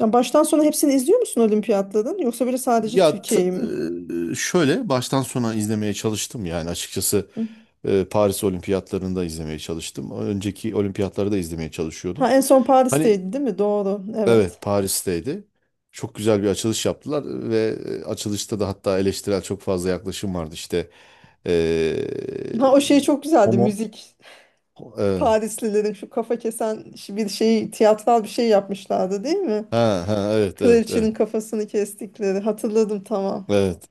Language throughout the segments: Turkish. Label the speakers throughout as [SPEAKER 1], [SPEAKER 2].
[SPEAKER 1] Ya baştan sona hepsini izliyor musun olimpiyatların? Yoksa böyle sadece
[SPEAKER 2] Ya t-
[SPEAKER 1] Türkiye'yi mi?
[SPEAKER 2] Şöyle baştan sona izlemeye çalıştım yani açıkçası.
[SPEAKER 1] Hı.
[SPEAKER 2] Paris Olimpiyatlarını da izlemeye çalıştım. Önceki olimpiyatları da izlemeye çalışıyordum.
[SPEAKER 1] Ha en son
[SPEAKER 2] Hani
[SPEAKER 1] Paris'teydi değil mi? Doğru. Evet.
[SPEAKER 2] evet, Paris'teydi. Çok güzel bir açılış yaptılar ve açılışta da hatta eleştirel çok fazla yaklaşım vardı işte. E,
[SPEAKER 1] Ha o şey çok güzeldi
[SPEAKER 2] Homo.
[SPEAKER 1] müzik.
[SPEAKER 2] E,
[SPEAKER 1] Parislilerin şu bir şey tiyatral bir şey yapmışlardı değil mi?
[SPEAKER 2] ha, ha, evet, evet,
[SPEAKER 1] Kraliçenin
[SPEAKER 2] evet.
[SPEAKER 1] kafasını kestikleri. Hatırladım, tamam.
[SPEAKER 2] Evet,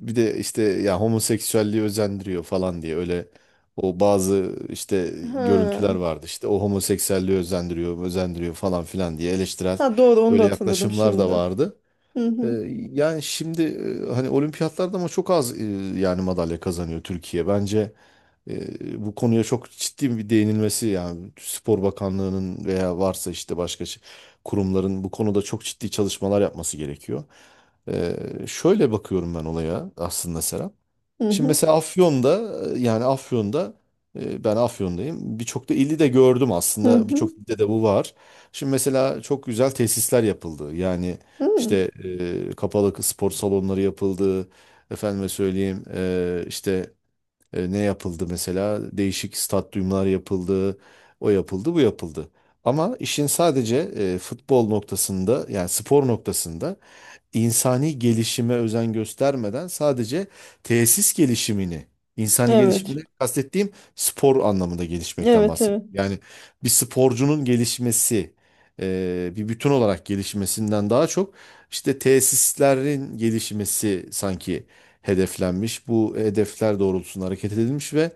[SPEAKER 2] bir de işte ya homoseksüelliği özendiriyor falan diye öyle, o bazı işte görüntüler
[SPEAKER 1] Ha.
[SPEAKER 2] vardı işte o homoseksüelliği özendiriyor falan filan diye eleştirel
[SPEAKER 1] Ha, doğru, onu da
[SPEAKER 2] öyle
[SPEAKER 1] hatırladım
[SPEAKER 2] yaklaşımlar da
[SPEAKER 1] şimdi.
[SPEAKER 2] vardı.
[SPEAKER 1] Hı
[SPEAKER 2] Ee,
[SPEAKER 1] hı.
[SPEAKER 2] Yani şimdi hani olimpiyatlarda ama çok az yani madalya kazanıyor Türkiye. Bence bu konuya çok ciddi bir değinilmesi yani Spor Bakanlığı'nın veya varsa işte kurumların bu konuda çok ciddi çalışmalar yapması gerekiyor. Ee, Şöyle bakıyorum ben olaya aslında, Serap.
[SPEAKER 1] Hı
[SPEAKER 2] Şimdi
[SPEAKER 1] hı.
[SPEAKER 2] mesela Afyon'da, ben Afyon'dayım. Birçok da ili de gördüm
[SPEAKER 1] Hı
[SPEAKER 2] aslında.
[SPEAKER 1] hı.
[SPEAKER 2] Birçok ilde de bu var. Şimdi mesela çok güzel tesisler yapıldı. Yani
[SPEAKER 1] Hı.
[SPEAKER 2] işte kapalı spor salonları yapıldı. Efendime söyleyeyim işte ne yapıldı mesela? Değişik stadyumlar yapıldı. O yapıldı, bu yapıldı. Ama işin sadece futbol noktasında yani spor noktasında insani gelişime özen göstermeden sadece tesis gelişimini, insani gelişimde
[SPEAKER 1] Evet.
[SPEAKER 2] kastettiğim spor anlamında gelişmekten
[SPEAKER 1] Evet, evet.
[SPEAKER 2] bahsediyorum. Yani bir sporcunun gelişmesi, bir bütün olarak gelişmesinden daha çok işte tesislerin gelişmesi sanki hedeflenmiş. Bu hedefler doğrultusunda hareket edilmiş ve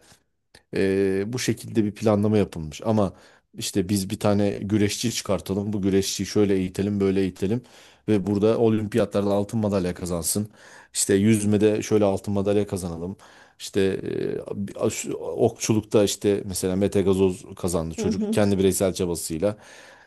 [SPEAKER 2] bu şekilde bir planlama yapılmış. Ama işte biz bir tane güreşçi çıkartalım. Bu güreşçiyi şöyle eğitelim, böyle eğitelim. Ve burada olimpiyatlarda altın madalya kazansın. İşte yüzmede şöyle altın madalya kazanalım. İşte okçulukta işte mesela Mete Gazoz kazandı,
[SPEAKER 1] Hı
[SPEAKER 2] çocuk
[SPEAKER 1] hı.
[SPEAKER 2] kendi bireysel çabasıyla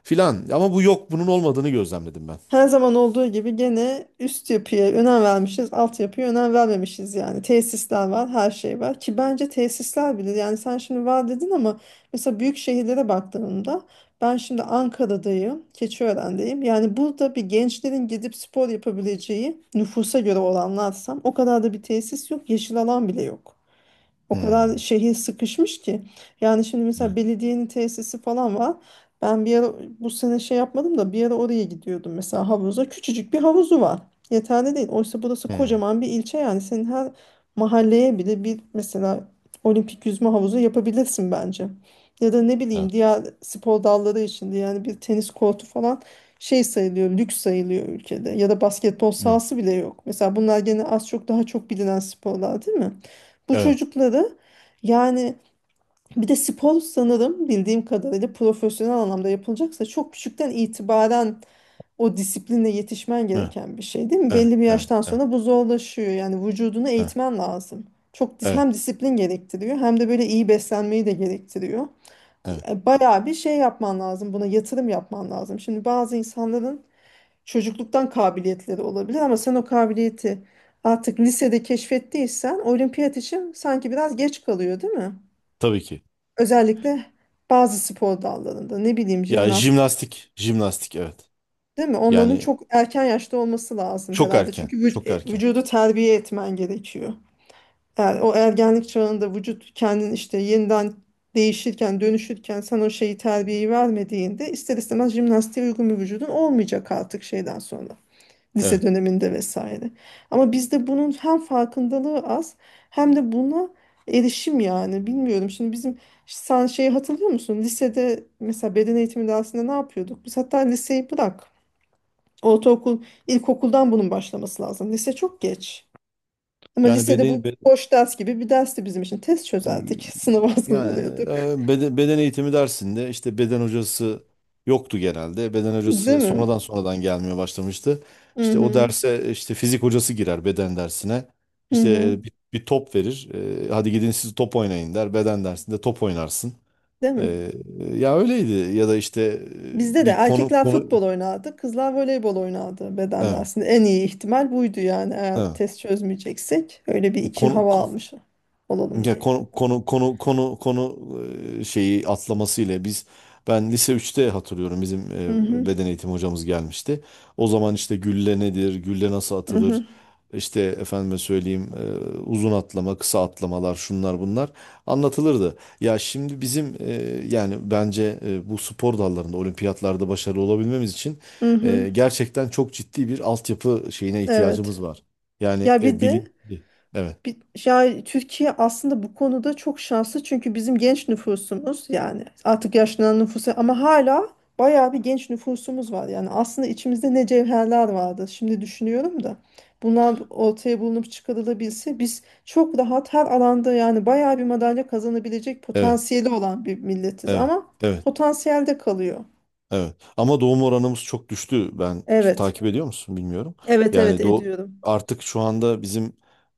[SPEAKER 2] filan. Ama bu yok, bunun olmadığını gözlemledim ben.
[SPEAKER 1] Her zaman olduğu gibi gene üst yapıya önem vermişiz, alt yapıya önem vermemişiz yani. Tesisler var, her şey var ki bence tesisler bile, yani sen şimdi var dedin ama mesela büyük şehirlere baktığımda ben şimdi Ankara'dayım, Keçiören'deyim. Yani burada bir gençlerin gidip spor yapabileceği, nüfusa göre oranlarsam, o kadar da bir tesis yok, yeşil alan bile yok. O kadar
[SPEAKER 2] Hmm.
[SPEAKER 1] şehir sıkışmış ki. Yani şimdi mesela
[SPEAKER 2] Ne?
[SPEAKER 1] belediyenin tesisi falan var. Ben bir ara, bu sene şey yapmadım da, bir ara oraya gidiyordum mesela, havuza. Küçücük bir havuzu var. Yeterli değil. Oysa burası
[SPEAKER 2] Hmm.
[SPEAKER 1] kocaman bir ilçe, yani senin her mahalleye bile bir mesela olimpik yüzme havuzu yapabilirsin bence. Ya da ne bileyim,
[SPEAKER 2] Ha.
[SPEAKER 1] diğer spor dalları içinde yani bir tenis kortu falan şey sayılıyor, lüks sayılıyor ülkede. Ya da basketbol
[SPEAKER 2] Ne?
[SPEAKER 1] sahası bile yok. Mesela bunlar gene az çok daha çok bilinen sporlar değil mi? Bu
[SPEAKER 2] Evet.
[SPEAKER 1] çocukları yani, bir de spor sanırım bildiğim kadarıyla profesyonel anlamda yapılacaksa çok küçükten itibaren o disipline yetişmen
[SPEAKER 2] Ne?
[SPEAKER 1] gereken bir şey değil mi?
[SPEAKER 2] Evet.
[SPEAKER 1] Belli bir
[SPEAKER 2] Evet.
[SPEAKER 1] yaştan
[SPEAKER 2] Evet.
[SPEAKER 1] sonra bu zorlaşıyor. Yani vücudunu
[SPEAKER 2] Evet.
[SPEAKER 1] eğitmen lazım.
[SPEAKER 2] Evet.
[SPEAKER 1] Hem disiplin gerektiriyor hem de böyle iyi beslenmeyi de gerektiriyor.
[SPEAKER 2] Evet.
[SPEAKER 1] Bayağı bir şey yapman lazım. Buna yatırım yapman lazım. Şimdi bazı insanların çocukluktan kabiliyetleri olabilir ama sen o kabiliyeti artık lisede keşfettiysen olimpiyat için sanki biraz geç kalıyor değil mi?
[SPEAKER 2] Tabii ki.
[SPEAKER 1] Özellikle bazı spor dallarında, ne bileyim,
[SPEAKER 2] Ya
[SPEAKER 1] jimnastik,
[SPEAKER 2] jimnastik, jimnastik, evet.
[SPEAKER 1] değil mi? Onların
[SPEAKER 2] Yani
[SPEAKER 1] çok erken yaşta olması lazım
[SPEAKER 2] çok
[SPEAKER 1] herhalde.
[SPEAKER 2] erken,
[SPEAKER 1] Çünkü
[SPEAKER 2] çok erken.
[SPEAKER 1] vücudu terbiye etmen gerekiyor. O ergenlik çağında vücut kendini işte yeniden değişirken, dönüşürken, sen o şeyi, terbiyeyi vermediğinde ister istemez jimnastiğe uygun bir vücudun olmayacak artık şeyden sonra, lise
[SPEAKER 2] Evet.
[SPEAKER 1] döneminde vesaire. Ama bizde bunun hem farkındalığı az hem de buna erişim, yani bilmiyorum. Şimdi bizim, sen şeyi hatırlıyor musun? Lisede mesela beden eğitimi dersinde ne yapıyorduk? Biz, hatta liseyi bırak. Ortaokul, ilkokuldan bunun başlaması lazım. Lise çok geç. Ama
[SPEAKER 2] Yani
[SPEAKER 1] lisede
[SPEAKER 2] beden
[SPEAKER 1] bu
[SPEAKER 2] be-
[SPEAKER 1] boş ders gibi bir dersti bizim için. Test çözerdik. Sınava
[SPEAKER 2] Yani
[SPEAKER 1] hazırlanıyorduk.
[SPEAKER 2] beden eğitimi dersinde işte beden hocası yoktu genelde. Beden
[SPEAKER 1] Değil
[SPEAKER 2] hocası
[SPEAKER 1] mi?
[SPEAKER 2] sonradan gelmeye başlamıştı.
[SPEAKER 1] Hı
[SPEAKER 2] İşte o
[SPEAKER 1] hı.
[SPEAKER 2] derse işte fizik hocası girer beden dersine.
[SPEAKER 1] Hı
[SPEAKER 2] İşte
[SPEAKER 1] hı.
[SPEAKER 2] e, bir, bir top verir. Hadi gidin siz top oynayın der. Beden dersinde top oynarsın.
[SPEAKER 1] Değil mi?
[SPEAKER 2] E, Ya öyleydi ya da işte
[SPEAKER 1] Bizde
[SPEAKER 2] e,
[SPEAKER 1] de
[SPEAKER 2] bir konu
[SPEAKER 1] erkekler
[SPEAKER 2] konu
[SPEAKER 1] futbol oynardı, kızlar voleybol oynardı bedende
[SPEAKER 2] evet,
[SPEAKER 1] aslında. En iyi ihtimal buydu yani, eğer
[SPEAKER 2] evet.
[SPEAKER 1] test çözmeyeceksek. Öyle bir iki
[SPEAKER 2] Konu
[SPEAKER 1] hava almış olalım
[SPEAKER 2] Ya
[SPEAKER 1] diye.
[SPEAKER 2] konu konu konu konu konu e, Şeyi atlamasıyla ben lise üçte hatırlıyorum, bizim
[SPEAKER 1] Hı hı,
[SPEAKER 2] beden eğitimi hocamız gelmişti. O zaman işte gülle nedir, gülle nasıl
[SPEAKER 1] hı
[SPEAKER 2] atılır,
[SPEAKER 1] hı,
[SPEAKER 2] işte efendime söyleyeyim uzun atlama, kısa atlamalar, şunlar bunlar anlatılırdı. Ya şimdi bizim yani bence bu spor dallarında olimpiyatlarda başarılı olabilmemiz için
[SPEAKER 1] hı hı.
[SPEAKER 2] gerçekten çok ciddi bir altyapı şeyine
[SPEAKER 1] Evet.
[SPEAKER 2] ihtiyacımız var. Yani
[SPEAKER 1] Ya bir de,
[SPEAKER 2] bilinçli. Evet,
[SPEAKER 1] bir, ya Türkiye aslında bu konuda çok şanslı çünkü bizim genç nüfusumuz, yani artık yaşlanan nüfusu ama hala bayağı bir genç nüfusumuz var. Yani aslında içimizde ne cevherler vardı, şimdi düşünüyorum da bunlar ortaya bulunup çıkarılabilse biz çok rahat her alanda yani bayağı bir madalya kazanabilecek
[SPEAKER 2] evet,
[SPEAKER 1] potansiyeli olan bir milletiz
[SPEAKER 2] evet,
[SPEAKER 1] ama
[SPEAKER 2] evet.
[SPEAKER 1] potansiyelde kalıyor.
[SPEAKER 2] Evet. Ama doğum oranımız çok düştü. Ben,
[SPEAKER 1] Evet.
[SPEAKER 2] takip ediyor musun bilmiyorum.
[SPEAKER 1] Evet, evet,
[SPEAKER 2] Yani do
[SPEAKER 1] ediyorum.
[SPEAKER 2] Artık şu anda bizim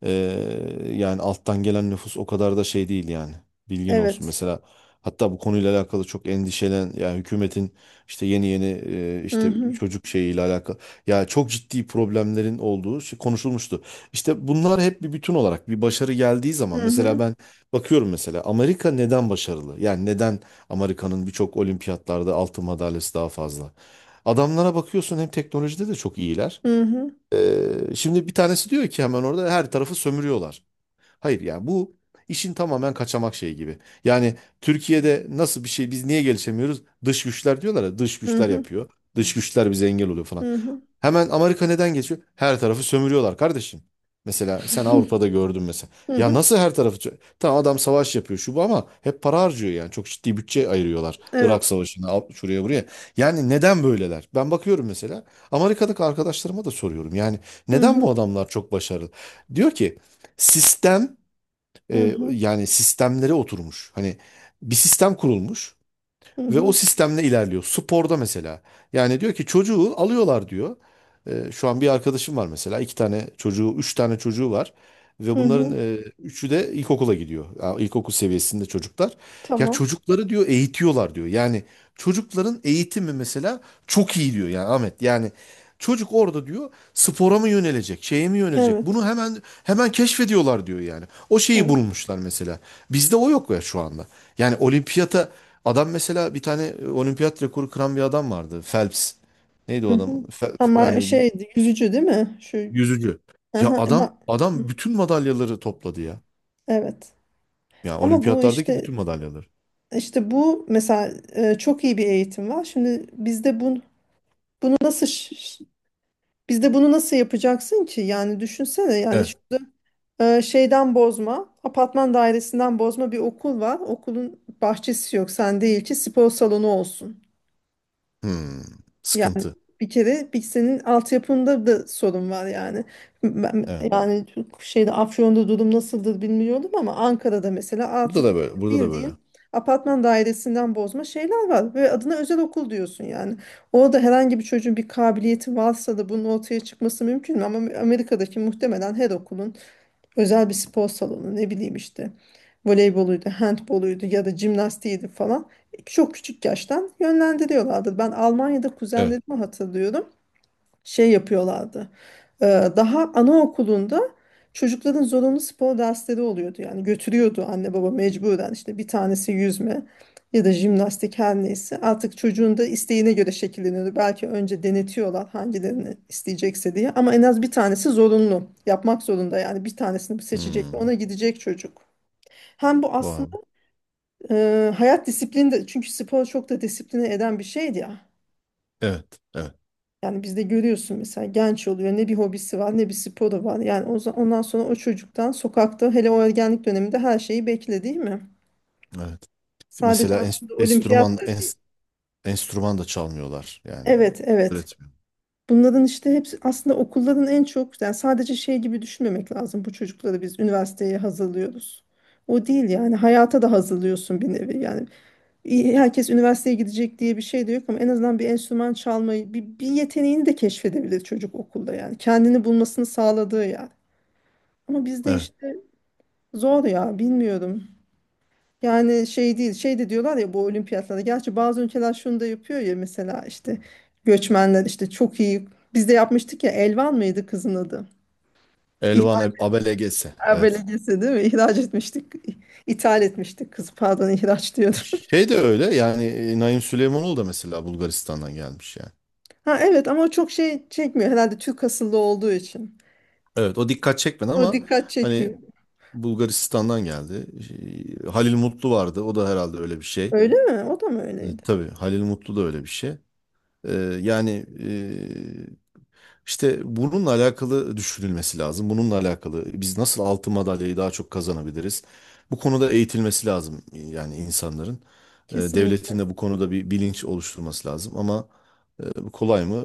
[SPEAKER 2] yani alttan gelen nüfus o kadar da şey değil yani. Bilgin olsun.
[SPEAKER 1] Evet.
[SPEAKER 2] Mesela, hatta bu konuyla alakalı çok endişelen, yani hükümetin işte yeni yeni
[SPEAKER 1] Hı
[SPEAKER 2] işte
[SPEAKER 1] hı.
[SPEAKER 2] çocuk şeyiyle alakalı ya çok ciddi problemlerin olduğu şey konuşulmuştu. İşte bunlar hep bir bütün olarak bir başarı geldiği
[SPEAKER 1] Hı
[SPEAKER 2] zaman mesela
[SPEAKER 1] hı.
[SPEAKER 2] ben bakıyorum, mesela Amerika neden başarılı? Yani neden Amerika'nın birçok olimpiyatlarda altın madalyası daha fazla. Adamlara bakıyorsun, hem teknolojide de çok iyiler.
[SPEAKER 1] Hı hı.
[SPEAKER 2] Şimdi bir tanesi diyor ki hemen orada her tarafı sömürüyorlar. Hayır, yani bu işin tamamen kaçamak şeyi gibi. Yani Türkiye'de nasıl bir şey, biz niye gelişemiyoruz? Dış güçler, diyorlar ya, dış
[SPEAKER 1] Hı
[SPEAKER 2] güçler
[SPEAKER 1] hı.
[SPEAKER 2] yapıyor. Dış güçler bize engel oluyor falan.
[SPEAKER 1] Hı hı.
[SPEAKER 2] Hemen Amerika neden geçiyor? Her tarafı sömürüyorlar kardeşim. Mesela sen Avrupa'da gördün mesela.
[SPEAKER 1] Hı
[SPEAKER 2] Ya
[SPEAKER 1] hı.
[SPEAKER 2] nasıl her tarafı? Sö- Tamam, adam savaş yapıyor şu bu, ama hep para harcıyor yani. Çok ciddi bütçe ayırıyorlar. Irak
[SPEAKER 1] Evet.
[SPEAKER 2] Savaşı'na, şuraya buraya. Yani neden böyleler? Ben bakıyorum mesela. Amerika'daki arkadaşlarıma da soruyorum. Yani
[SPEAKER 1] Hı
[SPEAKER 2] neden bu
[SPEAKER 1] hı.
[SPEAKER 2] adamlar çok başarılı? Diyor ki sistem
[SPEAKER 1] Hı hı.
[SPEAKER 2] yani sistemlere oturmuş. Hani bir sistem kurulmuş.
[SPEAKER 1] Hı
[SPEAKER 2] Ve o
[SPEAKER 1] hı.
[SPEAKER 2] sistemle ilerliyor. Sporda mesela. Yani diyor ki çocuğu alıyorlar diyor. Şu an bir arkadaşım var mesela. Üç tane çocuğu var. Ve
[SPEAKER 1] Hı
[SPEAKER 2] bunların
[SPEAKER 1] hı.
[SPEAKER 2] üçü de ilkokula gidiyor. Ya, ilkokul seviyesinde çocuklar. Ya
[SPEAKER 1] Tamam.
[SPEAKER 2] çocukları, diyor, eğitiyorlar diyor. Yani çocukların eğitimi mesela çok iyi diyor, yani Ahmet. Yani çocuk orada diyor spora mı yönelecek, şeye mi yönelecek?
[SPEAKER 1] Evet.
[SPEAKER 2] Bunu hemen keşfediyorlar diyor yani. O şeyi
[SPEAKER 1] Evet.
[SPEAKER 2] bulmuşlar mesela. Bizde o yok ya şu anda. Yani olimpiyata Adam mesela bir tane olimpiyat rekoru kıran bir adam vardı. Phelps. Neydi o
[SPEAKER 1] Hı
[SPEAKER 2] adam?
[SPEAKER 1] hı.
[SPEAKER 2] Fe-
[SPEAKER 1] Ama
[SPEAKER 2] yani bir
[SPEAKER 1] şeydi, yüzücü değil mi? Şu,
[SPEAKER 2] Yüzücü. Ya
[SPEAKER 1] aha,
[SPEAKER 2] adam
[SPEAKER 1] ama
[SPEAKER 2] adam bütün madalyaları topladı ya.
[SPEAKER 1] evet.
[SPEAKER 2] Ya
[SPEAKER 1] Ama bu
[SPEAKER 2] olimpiyatlardaki
[SPEAKER 1] işte,
[SPEAKER 2] bütün madalyaları.
[SPEAKER 1] işte bu mesela, çok iyi bir eğitim var. Şimdi bizde bunu, bunu nasıl ş- ş- bizde bunu nasıl yapacaksın ki? Yani düşünsene,
[SPEAKER 2] Evet.
[SPEAKER 1] şeyden bozma, apartman dairesinden bozma bir okul var. Okulun bahçesi yok. Sen değil ki spor salonu olsun.
[SPEAKER 2] Hmm. Sıkıntı.
[SPEAKER 1] Bir kere bir senin altyapında da sorun var yani. Ben,
[SPEAKER 2] Evet.
[SPEAKER 1] yani şeyde Afyon'da durum nasıldır bilmiyorum ama Ankara'da mesela
[SPEAKER 2] Burada
[SPEAKER 1] artık
[SPEAKER 2] da
[SPEAKER 1] böyle
[SPEAKER 2] böyle. Burada da böyle.
[SPEAKER 1] bildiğin apartman dairesinden bozma şeyler var ve adına özel okul diyorsun yani. Orada herhangi bir çocuğun bir kabiliyeti varsa da bunun ortaya çıkması mümkün mü? Ama Amerika'daki muhtemelen her okulun özel bir spor salonu, ne bileyim işte, voleyboluydu, handboluydu ya da jimnastiğiydi falan. Çok küçük yaştan yönlendiriyorlardı. Ben Almanya'da
[SPEAKER 2] Evet.
[SPEAKER 1] kuzenlerimi hatırlıyorum, şey yapıyorlardı. Ee, Daha anaokulunda çocukların zorunlu spor dersleri oluyordu. Yani götürüyordu anne baba mecburen, işte bir tanesi yüzme ya da jimnastik, her neyse. Artık çocuğun da isteğine göre şekilleniyordu. Belki önce denetiyorlar hangilerini isteyecekse diye, ama en az bir tanesi zorunlu. Yapmak zorunda, yani bir tanesini seçecek, ona
[SPEAKER 2] Hmm.
[SPEAKER 1] gidecek çocuk. Hem bu aslında
[SPEAKER 2] Vay.
[SPEAKER 1] hayat disiplini de, çünkü spor çok da disipline eden bir şeydi ya.
[SPEAKER 2] Evet. Evet.
[SPEAKER 1] Yani bizde görüyorsun mesela, genç oluyor, ne bir hobisi var ne bir sporu var. Yani o, ondan sonra o çocuktan sokakta, hele o ergenlik döneminde, her şeyi bekle değil mi?
[SPEAKER 2] Evet.
[SPEAKER 1] Sadece
[SPEAKER 2] Mesela
[SPEAKER 1] aslında olimpiyat da değil.
[SPEAKER 2] enstrüman da çalmıyorlar yani.
[SPEAKER 1] Evet, evet.
[SPEAKER 2] Öğretmiyor.
[SPEAKER 1] Bunların işte hepsi aslında okulların, en çok yani sadece şey gibi düşünmemek lazım: bu çocukları biz üniversiteye hazırlıyoruz. O değil yani, hayata da hazırlıyorsun bir nevi yani. İyi, herkes üniversiteye gidecek diye bir şey de yok ama en azından bir enstrüman çalmayı, bir yeteneğini de keşfedebilir çocuk okulda yani. Kendini bulmasını sağladığı yani. Ama bizde
[SPEAKER 2] Evet.
[SPEAKER 1] işte zor ya, bilmiyorum. Yani şey değil, şey de diyorlar ya bu olimpiyatlarda. Gerçi bazı ülkeler şunu da yapıyor ya mesela, işte göçmenler işte çok iyi. Biz de yapmıştık ya, Elvan mıydı kızın adı? İhraç
[SPEAKER 2] Elvan Abele gelse. Evet.
[SPEAKER 1] Belediyesi değil mi? İhraç etmiştik. İthal etmiştik kızı, pardon, ihraç diyordum.
[SPEAKER 2] Şey de öyle yani Naim Süleymanoğlu da mesela Bulgaristan'dan gelmiş yani.
[SPEAKER 1] Ha evet, ama o çok şey çekmiyor herhalde, Türk asıllı olduğu için.
[SPEAKER 2] Evet, o dikkat çekmedi
[SPEAKER 1] O
[SPEAKER 2] ama
[SPEAKER 1] dikkat
[SPEAKER 2] hani
[SPEAKER 1] çekmiyor.
[SPEAKER 2] Bulgaristan'dan geldi. Şey, Halil Mutlu vardı, o da herhalde öyle bir şey.
[SPEAKER 1] Öyle mi? O da mı öyleydi?
[SPEAKER 2] Tabii Halil Mutlu da öyle bir şey. E, yani e, işte bununla alakalı düşünülmesi lazım. Bununla alakalı biz nasıl altın madalyayı daha çok kazanabiliriz? Bu konuda eğitilmesi lazım yani insanların.
[SPEAKER 1] Kesinlikle.
[SPEAKER 2] Devletin de bu konuda bir bilinç oluşturması lazım ama, tabii, kolay mı?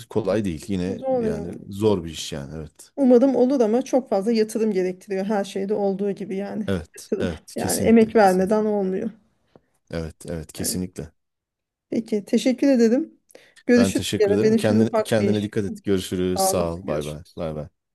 [SPEAKER 2] Kolay değil. Yine
[SPEAKER 1] Zor ya.
[SPEAKER 2] yani zor bir iş yani. Evet.
[SPEAKER 1] Umarım olur ama çok fazla yatırım gerektiriyor, her şeyde olduğu gibi yani.
[SPEAKER 2] Evet.
[SPEAKER 1] Yatırım.
[SPEAKER 2] Evet.
[SPEAKER 1] Yani
[SPEAKER 2] Kesinlikle.
[SPEAKER 1] emek
[SPEAKER 2] Kesin.
[SPEAKER 1] vermeden olmuyor.
[SPEAKER 2] Evet. Evet.
[SPEAKER 1] Evet.
[SPEAKER 2] Kesinlikle.
[SPEAKER 1] Peki, teşekkür ederim.
[SPEAKER 2] Ben
[SPEAKER 1] Görüşürüz.
[SPEAKER 2] teşekkür
[SPEAKER 1] Yine
[SPEAKER 2] ederim.
[SPEAKER 1] benim şimdi
[SPEAKER 2] Kendine,
[SPEAKER 1] ufak bir
[SPEAKER 2] kendine
[SPEAKER 1] işim
[SPEAKER 2] dikkat
[SPEAKER 1] var.
[SPEAKER 2] et. Görüşürüz.
[SPEAKER 1] Sağ
[SPEAKER 2] Sağ
[SPEAKER 1] olasın.
[SPEAKER 2] ol. Bay bay.
[SPEAKER 1] Görüşürüz.
[SPEAKER 2] Bay bay.